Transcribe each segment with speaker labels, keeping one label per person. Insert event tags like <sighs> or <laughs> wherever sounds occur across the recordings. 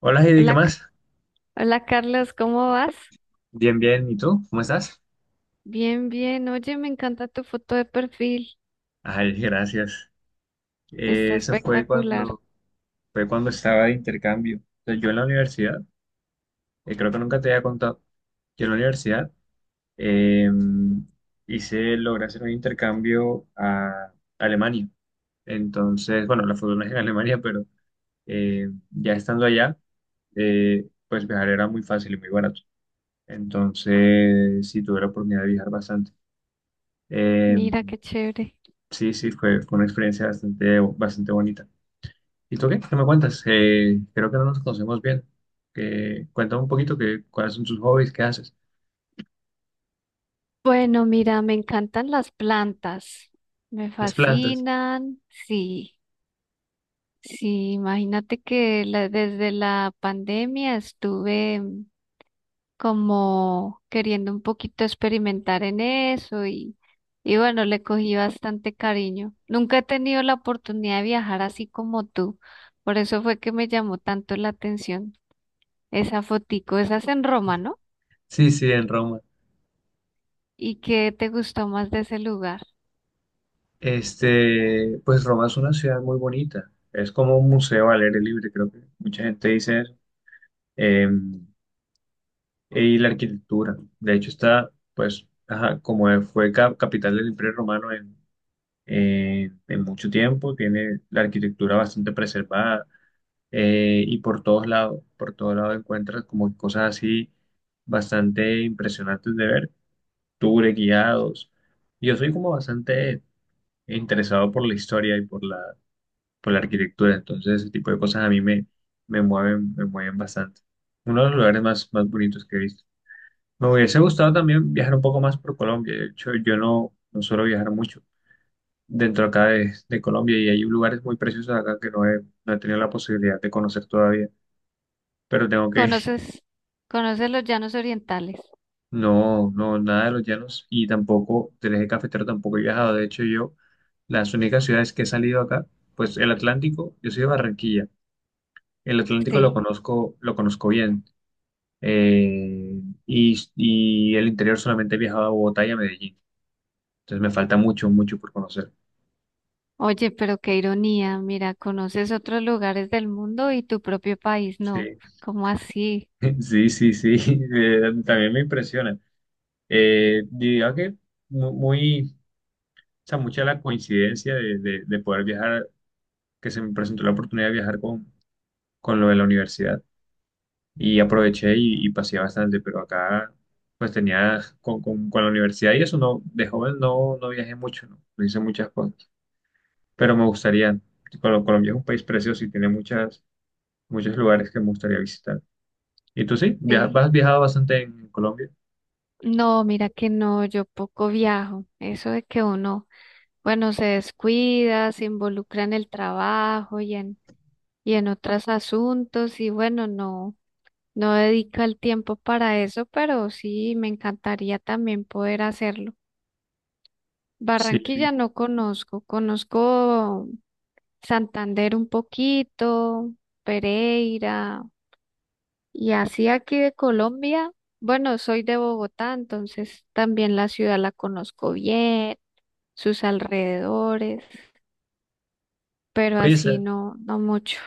Speaker 1: Hola Heidi, ¿qué
Speaker 2: Hola,
Speaker 1: más?
Speaker 2: hola Carlos, ¿cómo vas?
Speaker 1: Bien, bien. ¿Y tú? ¿Cómo estás?
Speaker 2: Bien, bien. Oye, me encanta tu foto de perfil.
Speaker 1: Ay, gracias.
Speaker 2: Está
Speaker 1: Eso
Speaker 2: espectacular.
Speaker 1: fue cuando estaba de intercambio. Entonces, yo en la universidad, creo que nunca te había contado, yo en la universidad eh, hice, logré hacer un intercambio a Alemania. Entonces, bueno, la fortuna es en Alemania, pero ya estando allá, pues viajar era muy fácil y muy barato. Entonces, sí tuve la oportunidad de viajar bastante. Em,
Speaker 2: Mira qué chévere.
Speaker 1: Sí, sí, fue una experiencia bastante, bastante bonita. ¿Y tú qué? ¿Qué me cuentas? Creo que no nos conocemos bien. Cuéntame un poquito cuáles son tus hobbies, qué haces.
Speaker 2: Bueno, mira, me encantan las plantas. Me
Speaker 1: Las plantas.
Speaker 2: fascinan. Sí, sí, imagínate que desde la pandemia estuve como queriendo un poquito experimentar en eso y bueno, le cogí bastante cariño. Nunca he tenido la oportunidad de viajar así como tú, por eso fue que me llamó tanto la atención esa fotico, esa es en Roma, ¿no?
Speaker 1: Sí, sí, en Roma.
Speaker 2: ¿Y qué te gustó más de ese lugar?
Speaker 1: Este, pues Roma es una ciudad muy bonita. Es como un museo al aire libre, creo que mucha gente dice eso. Eh, y la arquitectura. De hecho, está, pues, ajá, como fue capital del Imperio Romano en mucho tiempo, tiene la arquitectura bastante preservada y por todos lados encuentras como cosas así bastante impresionantes de ver, tours guiados. Yo soy como bastante interesado por la historia y por la arquitectura, entonces ese tipo de cosas me mueven bastante. Uno de los lugares más, más bonitos que he visto. Me hubiese gustado también viajar un poco más por Colombia, de hecho yo no, no suelo viajar mucho. Dentro acá de Colombia y hay lugares muy preciosos acá que no he tenido la posibilidad de conocer todavía, pero tengo que,
Speaker 2: ¿Conoces, conoces los llanos orientales?
Speaker 1: No, no, nada de los llanos y tampoco del eje cafetero tampoco he viajado. De hecho, yo, las únicas ciudades que he salido acá, pues el Atlántico, yo soy de Barranquilla. El Atlántico
Speaker 2: Sí.
Speaker 1: lo conozco bien. Eh, y el interior solamente he viajado a Bogotá y a Medellín. Entonces me falta mucho, mucho por conocer.
Speaker 2: Oye, pero qué ironía, mira, conoces otros lugares del mundo y tu propio país, no,
Speaker 1: Sí,
Speaker 2: ¿cómo así?
Speaker 1: <laughs> sí, sí, sí. <laughs> También me impresiona. Diría que muy, o sea, mucha la coincidencia de poder viajar, que se me presentó la oportunidad de viajar con lo de la universidad. Y aproveché y pasé bastante, pero acá pues tenía con la universidad y eso no, de joven no, no viajé mucho, no, no hice muchas cosas, pero me gustaría. Colombia es un país precioso y tiene muchos lugares que me gustaría visitar. ¿Y tú sí?
Speaker 2: Sí.
Speaker 1: Has viajado bastante en Colombia?
Speaker 2: No, mira que no, yo poco viajo. Eso de que uno, bueno, se descuida, se involucra en el trabajo y en otros asuntos y bueno, no, no dedica el tiempo para eso, pero sí me encantaría también poder hacerlo.
Speaker 1: Sí.
Speaker 2: Barranquilla no conozco, conozco Santander un poquito, Pereira y así aquí de Colombia. Bueno, soy de Bogotá, entonces también la ciudad la conozco bien. Sus alrededores, pero
Speaker 1: Oye,
Speaker 2: así no, no mucho.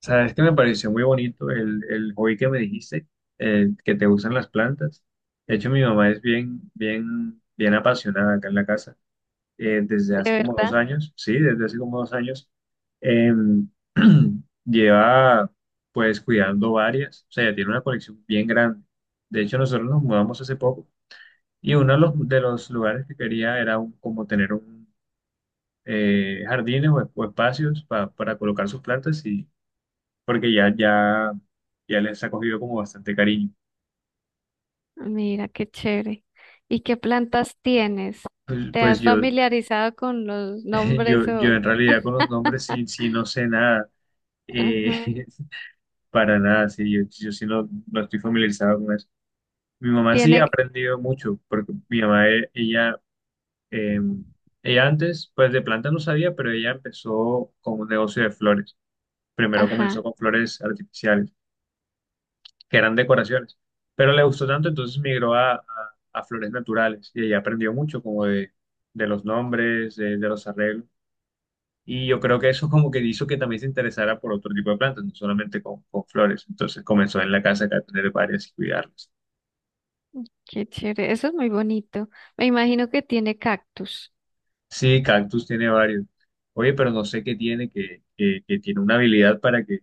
Speaker 1: sabes que me pareció muy bonito el hobby que me dijiste, que te gustan las plantas. De hecho, mi mamá es bien, bien, bien apasionada acá en la casa desde
Speaker 2: ¿De
Speaker 1: hace como dos
Speaker 2: verdad?
Speaker 1: años, sí, desde hace como dos años, em, <clears throat> lleva pues cuidando varias, o sea, ya tiene una colección bien grande. De hecho, nosotros nos mudamos hace poco y uno de los lugares que quería era como tener un jardines o espacios para colocar sus plantas y porque ya les ha cogido como bastante cariño.
Speaker 2: Mira qué chévere. ¿Y qué plantas tienes? ¿Te
Speaker 1: Pues
Speaker 2: has
Speaker 1: yo,
Speaker 2: familiarizado con los
Speaker 1: <laughs>
Speaker 2: nombres
Speaker 1: yo
Speaker 2: o...
Speaker 1: en realidad con los nombres sí, sí no sé nada. Eh,
Speaker 2: Ajá.
Speaker 1: <laughs> para nada, sí, yo sí no, no estoy familiarizado con eso. Mi mamá sí ha
Speaker 2: Tiene...
Speaker 1: aprendido mucho, porque mi mamá, ella, eh, ella antes, pues de planta no sabía, pero ella empezó con un negocio de flores. Primero comenzó
Speaker 2: Ajá,
Speaker 1: con flores artificiales, que eran decoraciones, pero le gustó tanto, entonces migró a flores naturales y ella aprendió mucho como de los nombres, de los arreglos. Y yo creo que eso como que hizo que también se interesara por otro tipo de plantas, no solamente con flores. Entonces comenzó en la casa acá a tener varias y cuidarlas.
Speaker 2: qué chévere. Eso es muy bonito. Me imagino que tiene cactus.
Speaker 1: Sí, cactus tiene varios. Oye, pero no sé qué tiene, que tiene una habilidad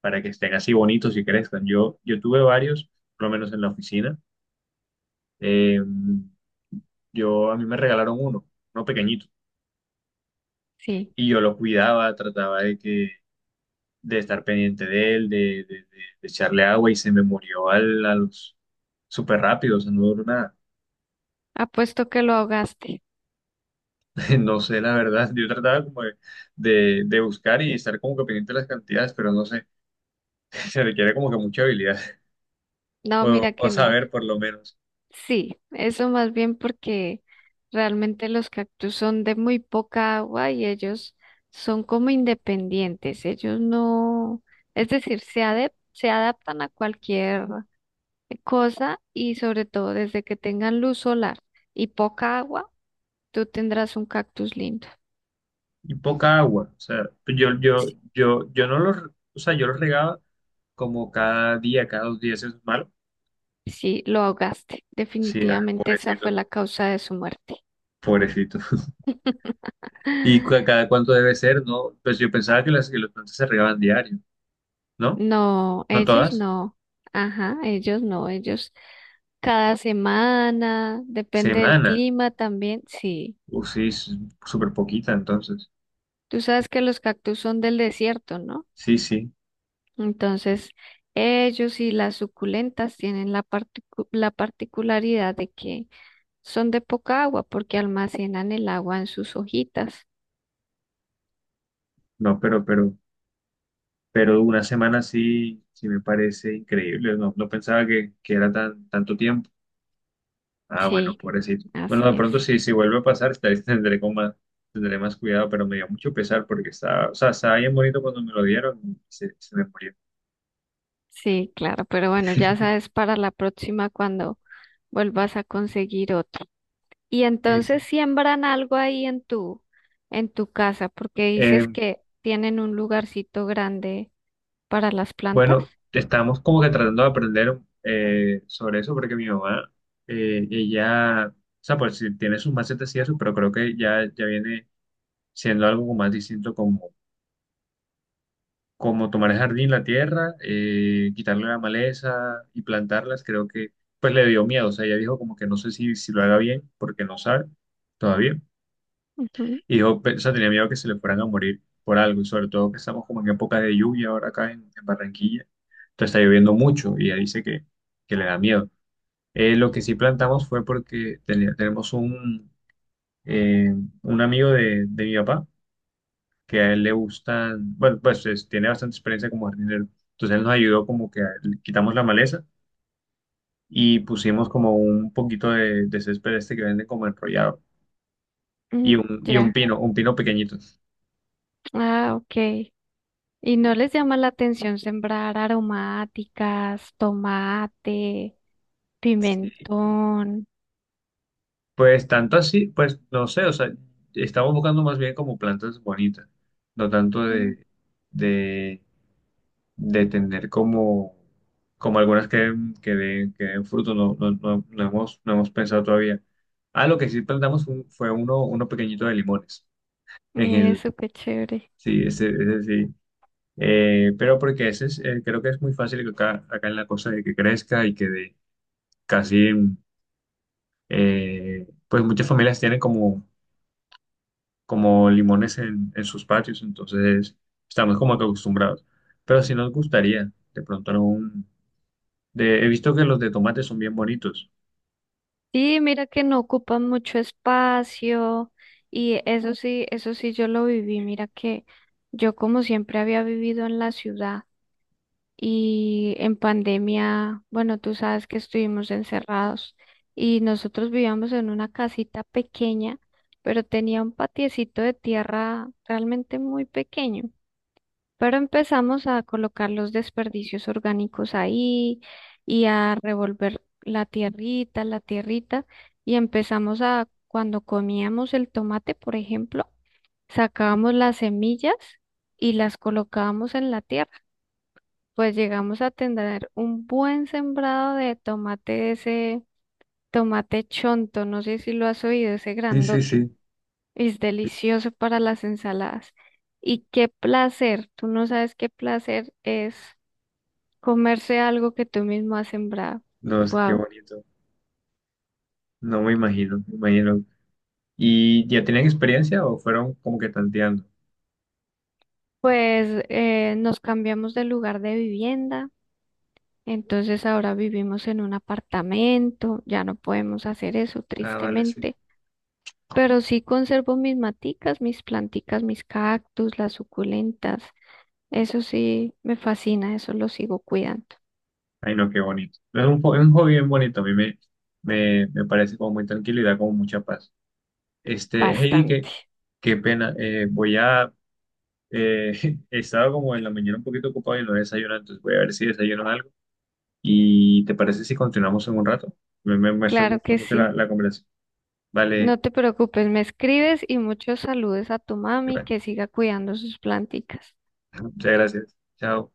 Speaker 1: para que estén así bonitos y crezcan. Yo tuve varios, por lo menos en la oficina. Eh, yo, a mí me regalaron uno, uno pequeñito,
Speaker 2: Sí.
Speaker 1: y yo lo cuidaba, trataba de que, de estar pendiente de él, de- de- de echarle agua y se me murió a los súper rápido, o sea, no duró nada.
Speaker 2: Apuesto que lo ahogaste.
Speaker 1: <laughs> No sé, la verdad, yo trataba como de, de buscar y estar como que pendiente de las cantidades, pero no sé, <laughs> se requiere como que mucha habilidad.
Speaker 2: No, mira
Speaker 1: O
Speaker 2: que no.
Speaker 1: saber por lo menos.
Speaker 2: Sí, eso más bien porque realmente los cactus son de muy poca agua y ellos son como independientes. Ellos no, es decir, se adaptan a cualquier cosa y sobre todo desde que tengan luz solar y poca agua, tú tendrás un cactus lindo.
Speaker 1: Y poca agua, o sea, pues
Speaker 2: Sí,
Speaker 1: yo, no los, o sea, yo los regaba como cada día, cada dos días, eso es malo.
Speaker 2: sí, lo ahogaste.
Speaker 1: Sí, ah,
Speaker 2: Definitivamente esa
Speaker 1: pobrecito,
Speaker 2: fue la causa de su muerte.
Speaker 1: pobrecito. <laughs> ¿Y
Speaker 2: <laughs> <sighs>
Speaker 1: cada cuánto debe ser? No, pues yo pensaba que las que los plantas se regaban diario, ¿no?
Speaker 2: No,
Speaker 1: ¿No
Speaker 2: ellos
Speaker 1: todas?
Speaker 2: no. Ajá, ellos no, ellos cada semana, depende del
Speaker 1: Semana.
Speaker 2: clima también, sí.
Speaker 1: O sí, es súper poquita entonces.
Speaker 2: Tú sabes que los cactus son del desierto, ¿no?
Speaker 1: Sí, sí,
Speaker 2: Entonces, ellos y las suculentas tienen la particularidad de que son de poca agua porque almacenan el agua en sus hojitas.
Speaker 1: no, pero una semana sí, sí me parece increíble, no, no pensaba que era tan, tanto tiempo. Ah, bueno,
Speaker 2: Sí,
Speaker 1: pobrecito. Bueno,
Speaker 2: así
Speaker 1: de
Speaker 2: es.
Speaker 1: pronto si vuelve a pasar, <laughs> tendré con más, tendré más cuidado, pero me dio mucho pesar porque estaba, o sea, estaba bien bonito cuando me lo dieron y se me murió.
Speaker 2: Sí, claro, pero bueno, ya sabes para la próxima cuando vuelvas a conseguir otro. Y
Speaker 1: Sí,
Speaker 2: entonces
Speaker 1: sí.
Speaker 2: siembran algo ahí en tu casa, porque
Speaker 1: Eh,
Speaker 2: dices que tienen un lugarcito grande para las plantas.
Speaker 1: bueno, estamos como que tratando de aprender sobre eso porque mi mamá, ella, o sea, pues sí tiene sus macetas y eso, pero creo que ya viene siendo algo más distinto como tomar el jardín, la tierra, quitarle la maleza y plantarlas, creo que pues le dio miedo, o sea, ella dijo como que no sé si lo haga bien porque no sabe todavía,
Speaker 2: Ujú.
Speaker 1: y dijo, o sea, tenía miedo que se le fueran a morir por algo, y sobre todo que estamos como en época de lluvia ahora acá en Barranquilla, entonces está lloviendo mucho y ella dice que le da miedo. Lo que sí plantamos fue porque tenemos eh, un amigo de mi papá, que a él le gustan, bueno, pues tiene bastante experiencia como jardinero. Entonces él nos ayudó como que le quitamos la maleza y pusimos como un poquito de césped este que venden como enrollado
Speaker 2: Mm,
Speaker 1: y
Speaker 2: ya.
Speaker 1: un pino pequeñito.
Speaker 2: Ah, ok. ¿Y no les llama la atención sembrar aromáticas, tomate,
Speaker 1: Sí.
Speaker 2: pimentón?
Speaker 1: Pues tanto así, pues no sé, o sea, estamos buscando más bien como plantas bonitas, no tanto
Speaker 2: Mm,
Speaker 1: de, de tener como, como algunas que den fruto, no hemos, no hemos pensado todavía. Ah, lo que sí plantamos fue, uno pequeñito de limones en el,
Speaker 2: eso, qué chévere.
Speaker 1: sí, ese sí, pero porque ese es, creo que es muy fácil que acá, acá en la costa de que crezca y que de casi, pues muchas familias tienen como, como limones en sus patios, entonces estamos como que acostumbrados. Pero sí nos gustaría de pronto he visto que los de tomate son bien bonitos.
Speaker 2: Sí, mira que no ocupan mucho espacio y eso sí yo lo viví. Mira que yo como siempre había vivido en la ciudad y en pandemia, bueno, tú sabes que estuvimos encerrados y nosotros vivíamos en una casita pequeña, pero tenía un patiecito de tierra realmente muy pequeño. Pero empezamos a colocar los desperdicios orgánicos ahí y a revolver la tierrita, y empezamos a, cuando comíamos el tomate, por ejemplo, sacábamos las semillas y las colocábamos en la tierra. Pues llegamos a tener un buen sembrado de tomate, ese tomate chonto, no sé si lo has oído, ese
Speaker 1: Sí, sí,
Speaker 2: grandote.
Speaker 1: sí.
Speaker 2: Es delicioso para las ensaladas. Y qué placer, tú no sabes qué placer es comerse algo que tú mismo has sembrado.
Speaker 1: No sé qué
Speaker 2: Wow.
Speaker 1: bonito. No me imagino, me imagino. ¿Y ya tenían experiencia o fueron como que tanteando?
Speaker 2: Pues nos cambiamos de lugar de vivienda, entonces ahora vivimos en un apartamento, ya no podemos hacer eso,
Speaker 1: Ah, vale, sí.
Speaker 2: tristemente. Pero sí conservo mis maticas, mis planticas, mis cactus, las suculentas. Eso sí me fascina, eso lo sigo cuidando
Speaker 1: Ay, no, qué bonito. Es un, es un hobby bien bonito. A mí me, me, me parece como muy tranquilo y da como mucha paz. Este, Heidi, qué,
Speaker 2: bastante.
Speaker 1: qué pena. Voy a... eh, <laughs> he estado como en la mañana un poquito ocupado y no he desayunado, entonces voy a ver si desayuno algo. ¿Y te parece si continuamos en un rato? Me gustó
Speaker 2: Claro que
Speaker 1: mucho
Speaker 2: sí.
Speaker 1: la conversación. Vale.
Speaker 2: No te preocupes, me escribes y muchos saludos a tu mami
Speaker 1: Igual.
Speaker 2: que siga cuidando sus planticas.
Speaker 1: Muchas gracias. Chao.